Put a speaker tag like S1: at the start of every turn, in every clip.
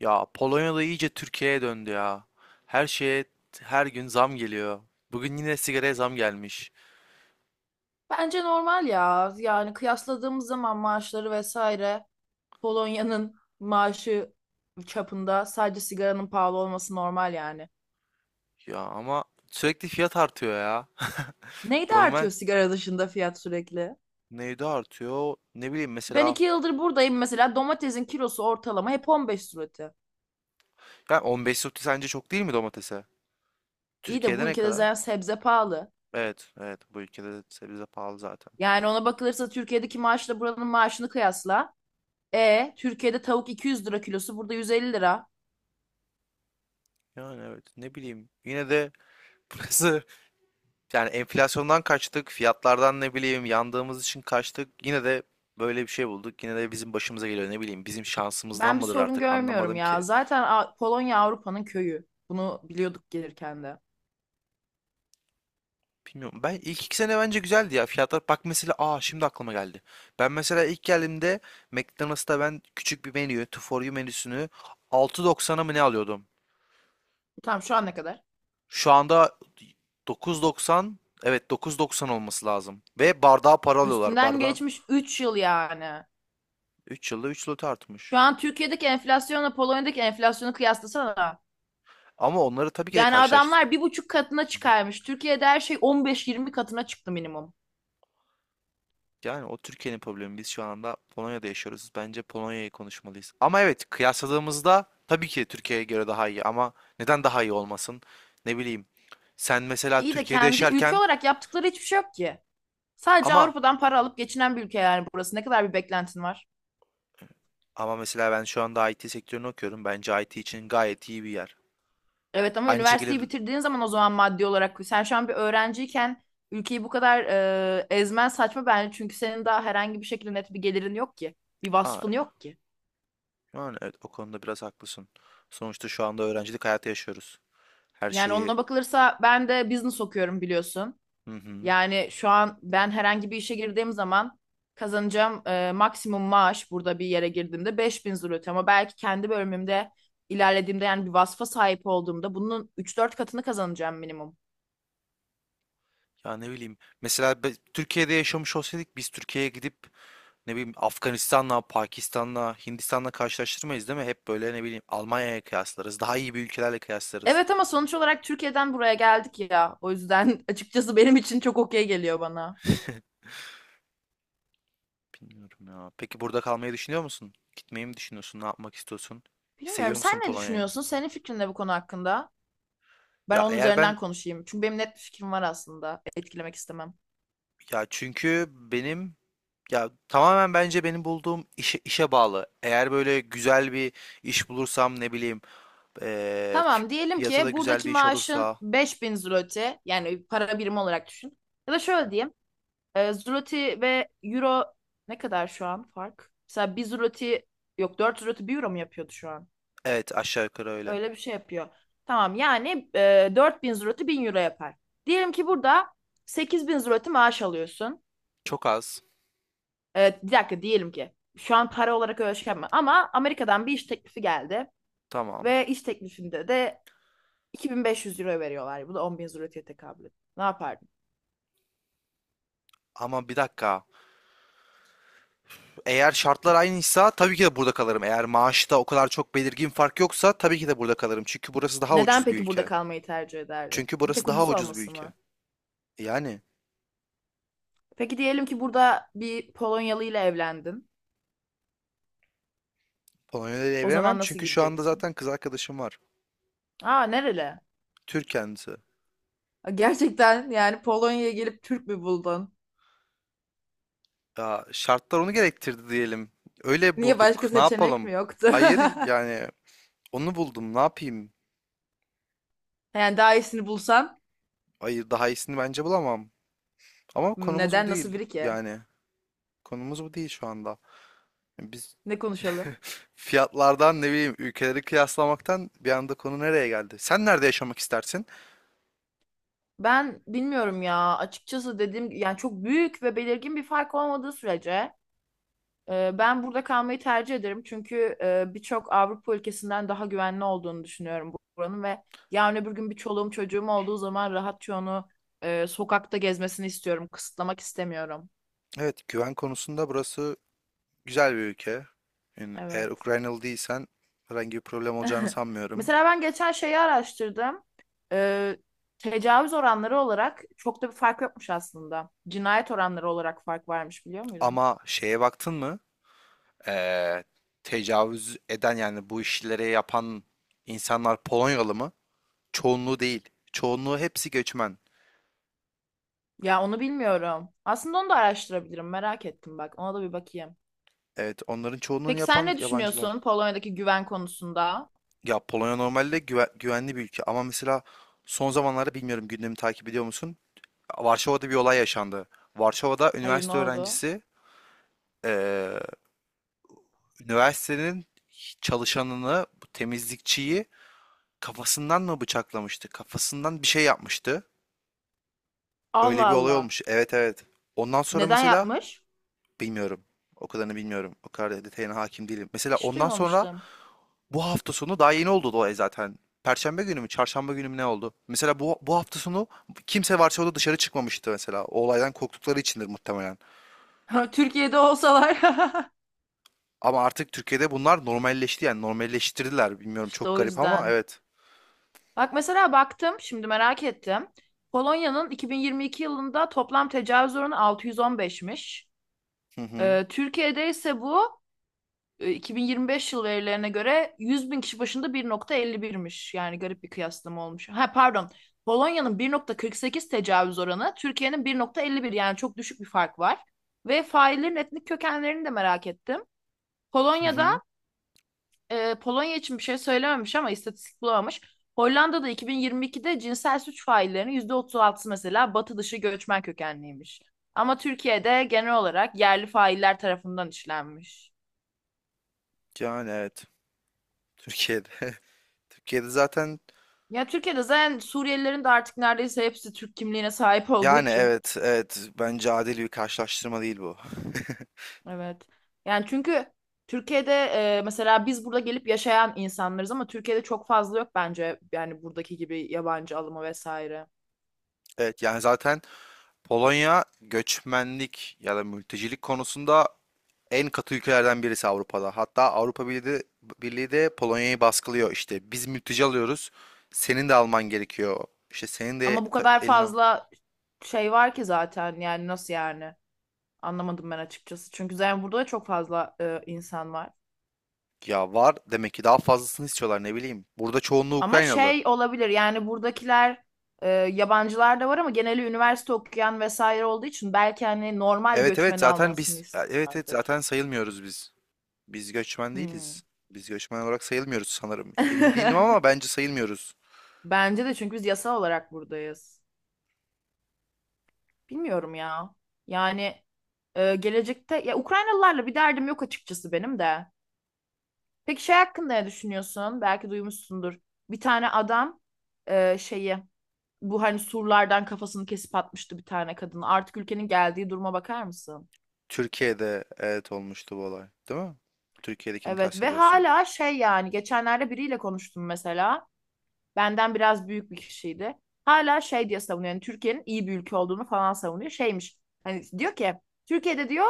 S1: Ya Polonya'da iyice Türkiye'ye döndü ya. Her şeye her gün zam geliyor. Bugün yine sigaraya zam gelmiş.
S2: Bence normal ya. Yani kıyasladığımız zaman maaşları vesaire Polonya'nın maaşı çapında sadece sigaranın pahalı olması normal yani.
S1: Ya ama sürekli fiyat artıyor ya.
S2: Neydi
S1: Normal
S2: artıyor sigara dışında fiyat sürekli?
S1: neydi artıyor? Ne bileyim,
S2: Ben
S1: mesela
S2: iki yıldır buradayım, mesela domatesin kilosu ortalama hep 15 zloty.
S1: yani 15 zloty sence çok değil mi domatese?
S2: İyi de
S1: Türkiye'de
S2: bu
S1: ne
S2: ülkede
S1: kadar?
S2: zaten sebze pahalı.
S1: Evet, evet, bu ülkede de sebze pahalı zaten.
S2: Yani ona bakılırsa Türkiye'deki maaşla buranın maaşını kıyasla. E, Türkiye'de tavuk 200 lira kilosu, burada 150 lira.
S1: Yani evet, ne bileyim. Yine de burası. Yani enflasyondan kaçtık, fiyatlardan ne bileyim yandığımız için kaçtık. Yine de böyle bir şey bulduk. Yine de bizim başımıza geliyor, ne bileyim. Bizim şansımızdan
S2: Ben bir
S1: mıdır
S2: sorun
S1: artık,
S2: görmüyorum
S1: anlamadım
S2: ya.
S1: ki.
S2: Zaten Polonya Avrupa'nın köyü. Bunu biliyorduk gelirken de.
S1: Bilmiyorum. Ben ilk 2 sene bence güzeldi ya. Fiyatlar, bak mesela, aa şimdi aklıma geldi. Ben mesela ilk geldiğimde McDonald's'ta ben küçük bir menü, two for you menüsünü 6.90'a mı ne alıyordum?
S2: Tamam, şu an ne kadar?
S1: Şu anda 9.90. Evet, 9.90 olması lazım. Ve bardağa para alıyorlar.
S2: Üstünden
S1: Bardağı.
S2: geçmiş 3 yıl yani.
S1: 3 yılda 3 lot
S2: Şu
S1: artmış.
S2: an Türkiye'deki enflasyonla Polonya'daki enflasyonu kıyaslasana.
S1: Ama onları tabii ki de
S2: Yani
S1: karşılaştı.
S2: adamlar bir buçuk katına çıkarmış. Türkiye'de her şey 15-20 katına çıktı minimum.
S1: Yani o Türkiye'nin problemi. Biz şu anda Polonya'da yaşıyoruz. Bence Polonya'yı konuşmalıyız. Ama evet, kıyasladığımızda tabii ki Türkiye'ye göre daha iyi ama neden daha iyi olmasın? Ne bileyim. Sen mesela
S2: İyi de
S1: Türkiye'de
S2: kendi ülke
S1: yaşarken,
S2: olarak yaptıkları hiçbir şey yok ki. Sadece
S1: ama
S2: Avrupa'dan para alıp geçinen bir ülke yani burası. Ne kadar bir beklentin var?
S1: ama mesela ben şu anda IT sektörünü okuyorum. Bence IT için gayet iyi bir yer.
S2: Evet ama
S1: Aynı
S2: üniversiteyi
S1: şekilde.
S2: bitirdiğin zaman, o zaman maddi olarak, sen şu an bir öğrenciyken ülkeyi bu kadar ezmen saçma bence, çünkü senin daha herhangi bir şekilde net bir gelirin yok ki. Bir
S1: Aa,
S2: vasfın yok ki.
S1: yani evet, o konuda biraz haklısın. Sonuçta şu anda öğrencilik hayatı yaşıyoruz. Her
S2: Yani
S1: şeyi.
S2: ona bakılırsa ben de business okuyorum, biliyorsun.
S1: Hı hı.
S2: Yani şu an ben herhangi bir işe girdiğim zaman kazanacağım maksimum maaş burada bir yere girdiğimde 5.000 zloty, ama belki kendi bölümümde ilerlediğimde, yani bir vasfa sahip olduğumda, bunun 3-4 katını kazanacağım minimum.
S1: Ya ne bileyim. Mesela Türkiye'de yaşamış olsaydık biz Türkiye'ye gidip ne bileyim Afganistan'la, Pakistan'la, Hindistan'la karşılaştırmayız değil mi? Hep böyle ne bileyim Almanya'ya kıyaslarız. Daha iyi bir ülkelerle kıyaslarız.
S2: Evet ama sonuç olarak Türkiye'den buraya geldik ya. O yüzden açıkçası benim için çok okey geliyor bana.
S1: Bilmiyorum ya. Peki burada kalmayı düşünüyor musun? Gitmeyi mi düşünüyorsun? Ne yapmak istiyorsun?
S2: Bilmiyorum,
S1: Seviyor
S2: sen
S1: musun
S2: ne
S1: Polonya'yı?
S2: düşünüyorsun? Senin fikrin ne bu konu hakkında? Ben
S1: Ya
S2: onun
S1: eğer ben,
S2: üzerinden konuşayım. Çünkü benim net bir fikrim var aslında. Etkilemek istemem.
S1: ya çünkü benim, ya tamamen bence benim bulduğum işe bağlı. Eğer böyle güzel bir iş bulursam ne bileyim, eee, fi-
S2: Tamam, diyelim
S1: fiyatı da
S2: ki
S1: güzel
S2: buradaki
S1: bir iş
S2: maaşın
S1: olursa.
S2: 5.000 zloty, yani para birimi olarak düşün. Ya da şöyle diyeyim. Zloty ve euro ne kadar şu an fark? Mesela 1 zloty, yok, 4 zloty 1 euro mu yapıyordu şu an?
S1: Evet, aşağı yukarı öyle.
S2: Öyle bir şey yapıyor. Tamam yani, 4.000 zloty 1.000 euro yapar. Diyelim ki burada 8.000 zloty maaş alıyorsun.
S1: Çok az.
S2: Bir dakika, diyelim ki şu an para olarak öyle şey yapma. Ama Amerika'dan bir iş teklifi geldi.
S1: Tamam.
S2: Ve iş teklifinde de 2.500 euro veriyorlar. Bu da 10.000 zloty'ye tekabül ediyor. Ne yapardın?
S1: Ama bir dakika. Eğer şartlar aynıysa tabii ki de burada kalırım. Eğer maaşta o kadar çok belirgin fark yoksa tabii ki de burada kalırım. Çünkü burası daha
S2: Neden
S1: ucuz bir
S2: peki burada
S1: ülke.
S2: kalmayı tercih ederdin?
S1: Çünkü
S2: Bir
S1: burası
S2: tek
S1: daha
S2: ucuz
S1: ucuz bir
S2: olması
S1: ülke.
S2: mı?
S1: Yani
S2: Peki diyelim ki burada bir Polonyalı ile evlendin.
S1: Polonya'da
S2: O
S1: evlenemem
S2: zaman nasıl
S1: çünkü şu anda
S2: gideceksin?
S1: zaten kız arkadaşım var.
S2: Aa, nereli?
S1: Türk kendisi.
S2: Gerçekten yani Polonya'ya gelip Türk mü buldun?
S1: Ya şartlar onu gerektirdi diyelim. Öyle
S2: Niye, başka
S1: bulduk. Ne
S2: seçenek
S1: yapalım?
S2: mi yoktu?
S1: Hayır, yani onu buldum. Ne yapayım?
S2: Yani daha iyisini bulsan
S1: Hayır, daha iyisini bence bulamam. Ama konumuz bu
S2: neden, nasıl
S1: değil
S2: biri ki?
S1: yani. Konumuz bu değil şu anda. Biz.
S2: Ne konuşalım?
S1: Fiyatlardan ne bileyim ülkeleri kıyaslamaktan bir anda konu nereye geldi? Sen nerede yaşamak istersin?
S2: Ben bilmiyorum ya. Açıkçası dediğim, yani çok büyük ve belirgin bir fark olmadığı sürece ben burada kalmayı tercih ederim. Çünkü birçok Avrupa ülkesinden daha güvenli olduğunu düşünüyorum buranın ve yarın öbür gün bir çoluğum çocuğum olduğu zaman rahatça onu sokakta gezmesini istiyorum. Kısıtlamak istemiyorum.
S1: Evet, güven konusunda burası güzel bir ülke. Yani eğer
S2: Evet.
S1: Ukraynalı değilsen herhangi bir problem olacağını sanmıyorum.
S2: Mesela ben geçen şeyi araştırdım. Ee, Tecavüz oranları olarak çok da bir fark yokmuş aslında. Cinayet oranları olarak fark varmış, biliyor muydun?
S1: Ama şeye baktın mı? Ee, tecavüz eden yani bu işleri yapan insanlar Polonyalı mı? Çoğunluğu değil. Çoğunluğu hepsi göçmen.
S2: Ya onu bilmiyorum. Aslında onu da araştırabilirim. Merak ettim bak. Ona da bir bakayım.
S1: Evet, onların çoğunluğunu
S2: Peki sen
S1: yapan
S2: ne
S1: yabancılar.
S2: düşünüyorsun Polonya'daki güven konusunda?
S1: Ya Polonya normalde güvenli bir ülke ama mesela son zamanlarda bilmiyorum, gündemi takip ediyor musun? Varşova'da bir olay yaşandı. Varşova'da
S2: Hayır, ne
S1: üniversite
S2: oldu?
S1: öğrencisi eee, üniversitenin çalışanını, bu temizlikçiyi kafasından mı bıçaklamıştı? Kafasından bir şey yapmıştı. Öyle
S2: Allah
S1: bir olay
S2: Allah.
S1: olmuş. Evet, evet. Ondan sonra
S2: Neden
S1: mesela
S2: yapmış?
S1: bilmiyorum. O kadarını bilmiyorum. O kadar detayına hakim değilim. Mesela
S2: Hiç
S1: ondan sonra
S2: duymamıştım.
S1: bu hafta sonu daha yeni oldu da zaten. Perşembe günü mü, çarşamba günü mü ne oldu? Mesela bu hafta sonu kimse Varşova'da dışarı çıkmamıştı mesela. O olaydan korktukları içindir muhtemelen.
S2: Türkiye'de olsalar.
S1: Ama artık Türkiye'de bunlar normalleşti, yani normalleştirdiler. Bilmiyorum,
S2: İşte
S1: çok
S2: o
S1: garip ama
S2: yüzden.
S1: evet.
S2: Bak mesela, baktım şimdi, merak ettim. Polonya'nın 2022 yılında toplam tecavüz oranı 615'miş.
S1: Hı hı.
S2: Türkiye'de ise bu 2025 yıl verilerine göre 100 bin kişi başında 1,51'miş. Yani garip bir kıyaslama olmuş. Ha pardon. Polonya'nın 1,48 tecavüz oranı, Türkiye'nin 1,51, yani çok düşük bir fark var. Ve faillerin etnik kökenlerini de merak ettim.
S1: Hı
S2: Polonya'da,
S1: hı.
S2: Polonya için bir şey söylememiş ama istatistik bulamamış. Hollanda'da 2022'de cinsel suç faillerinin %36'sı mesela batı dışı göçmen kökenliymiş. Ama Türkiye'de genel olarak yerli failler tarafından işlenmiş.
S1: Yani evet. Türkiye'de. Türkiye'de zaten
S2: Ya Türkiye'de zaten Suriyelilerin de artık neredeyse hepsi Türk kimliğine sahip olduğu
S1: yani
S2: için.
S1: evet, evet bence adil bir karşılaştırma değil bu.
S2: Evet. Yani çünkü Türkiye'de, mesela biz burada gelip yaşayan insanlarız ama Türkiye'de çok fazla yok bence, yani buradaki gibi yabancı alımı vesaire.
S1: Evet, yani zaten Polonya göçmenlik ya da mültecilik konusunda en katı ülkelerden birisi Avrupa'da. Hatta Avrupa Birliği de Polonya'yı baskılıyor. İşte biz mülteci alıyoruz. Senin de alman gerekiyor. İşte senin de
S2: Ama bu kadar
S1: eline.
S2: fazla şey var ki zaten, yani nasıl, yani anlamadım ben açıkçası. Çünkü zaten burada da çok fazla insan var.
S1: Ya, var demek ki daha fazlasını istiyorlar, ne bileyim. Burada çoğunluğu
S2: Ama
S1: Ukraynalı.
S2: şey olabilir, yani buradakiler yabancılar da var ama geneli üniversite okuyan vesaire olduğu için belki hani normal
S1: Evet, evet
S2: göçmen
S1: zaten
S2: almasını
S1: biz, evet, evet
S2: istiyorlardır.
S1: zaten sayılmıyoruz biz. Biz göçmen
S2: Hmm.
S1: değiliz. Biz göçmen olarak sayılmıyoruz sanırım. Emin değilim ama bence sayılmıyoruz.
S2: Bence de, çünkü biz yasal olarak buradayız. Bilmiyorum ya. Yani gelecekte, ya Ukraynalılarla bir derdim yok açıkçası benim de. Peki şey hakkında ne düşünüyorsun? Belki duymuşsundur. Bir tane adam şeyi, bu hani surlardan kafasını kesip atmıştı bir tane kadın. Artık ülkenin geldiği duruma bakar mısın?
S1: Türkiye'de evet, olmuştu bu olay, değil mi? Türkiye'dekini
S2: Evet ve
S1: kastediyorsun.
S2: hala şey, yani geçenlerde biriyle konuştum mesela. Benden biraz büyük bir kişiydi. Hala şey diye savunuyor. Yani Türkiye'nin iyi bir ülke olduğunu falan savunuyor. Şeymiş hani, diyor ki Türkiye'de diyor,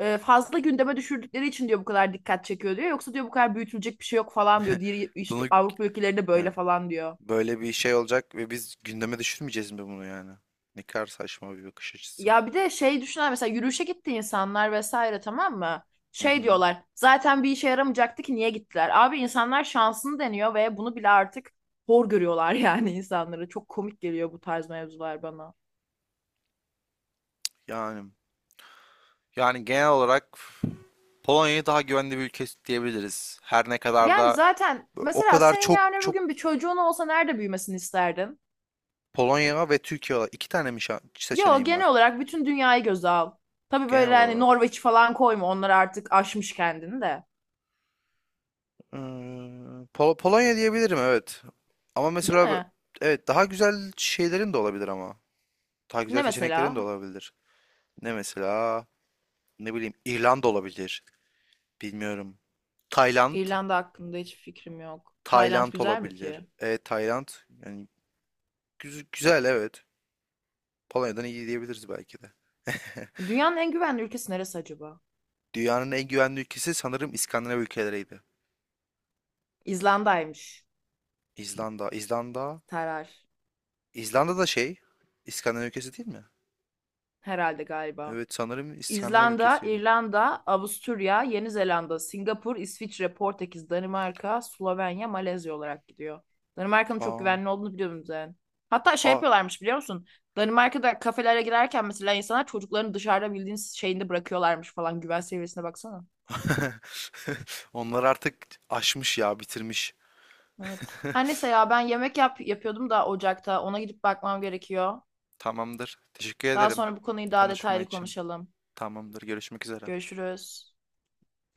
S2: fazla gündeme düşürdükleri için diyor bu kadar dikkat çekiyor diyor. Yoksa diyor bu kadar büyütülecek bir şey yok falan diyor. Diğer işte
S1: Bunu
S2: Avrupa ülkelerinde böyle
S1: evet.
S2: falan diyor.
S1: Böyle bir şey olacak ve biz gündeme düşürmeyeceğiz mi bunu yani? Ne kadar saçma bir bakış açısı.
S2: Ya bir de şey düşünen, mesela yürüyüşe gitti insanlar vesaire, tamam mı?
S1: Hı
S2: Şey
S1: hı.
S2: diyorlar, zaten bir işe yaramayacaktı ki niye gittiler? Abi insanlar şansını deniyor ve bunu bile artık hor görüyorlar, yani insanları. Çok komik geliyor bu tarz mevzular bana.
S1: Yani yani genel olarak Polonya'yı daha güvenli bir ülke diyebiliriz. Her ne kadar
S2: Yani
S1: da
S2: zaten
S1: o
S2: mesela
S1: kadar
S2: senin
S1: çok
S2: yarın öbür
S1: çok,
S2: gün bir çocuğun olsa nerede büyümesini isterdin?
S1: Polonya ve Türkiye olarak iki tane mi
S2: Yo,
S1: seçeneğim
S2: genel
S1: var,
S2: olarak bütün dünyayı göze al. Tabii
S1: genel
S2: böyle hani
S1: olarak.
S2: Norveç falan koyma, onlar artık aşmış kendini de.
S1: Ee, Polonya diyebilirim evet. Ama
S2: Değil
S1: mesela
S2: mi?
S1: evet, daha güzel şeylerin de olabilir ama. Daha
S2: Ne
S1: güzel seçeneklerin de
S2: mesela?
S1: olabilir. Ne mesela? Ne bileyim, İrlanda olabilir. Bilmiyorum. Tayland.
S2: İrlanda hakkında hiç fikrim yok. Tayland
S1: Tayland
S2: güzel mi
S1: olabilir.
S2: ki?
S1: Tayland. Yani güzel, evet. Polonya'dan iyi diyebiliriz belki de.
S2: Dünyanın en güvenli ülkesi neresi acaba?
S1: Dünyanın en güvenli ülkesi sanırım İskandinav ülkeleriydi.
S2: İzlanda'ymış.
S1: İzlanda. İzlanda.
S2: Terar.
S1: İzlanda da şey. İskandinav ülkesi değil mi?
S2: Herhalde, galiba.
S1: Evet, sanırım İskandinav
S2: İzlanda,
S1: ülkesiydi.
S2: İrlanda, Avusturya, Yeni Zelanda, Singapur, İsviçre, Portekiz, Danimarka, Slovenya, Malezya olarak gidiyor. Danimarka'nın çok
S1: Aa.
S2: güvenli olduğunu biliyorum zaten. Hatta şey
S1: Aa.
S2: yapıyorlarmış, biliyor musun? Danimarka'da kafelere girerken mesela insanlar çocuklarını dışarıda bildiğiniz şeyinde bırakıyorlarmış falan. Güven seviyesine baksana.
S1: Onlar artık aşmış ya, bitirmiş.
S2: Evet. Her neyse ya, ben yemek yapıyordum da ocakta. Ona gidip bakmam gerekiyor.
S1: Tamamdır. Teşekkür
S2: Daha
S1: ederim
S2: sonra bu konuyu daha
S1: konuşma
S2: detaylı
S1: için.
S2: konuşalım.
S1: Tamamdır. Görüşmek üzere.
S2: Görüşürüz.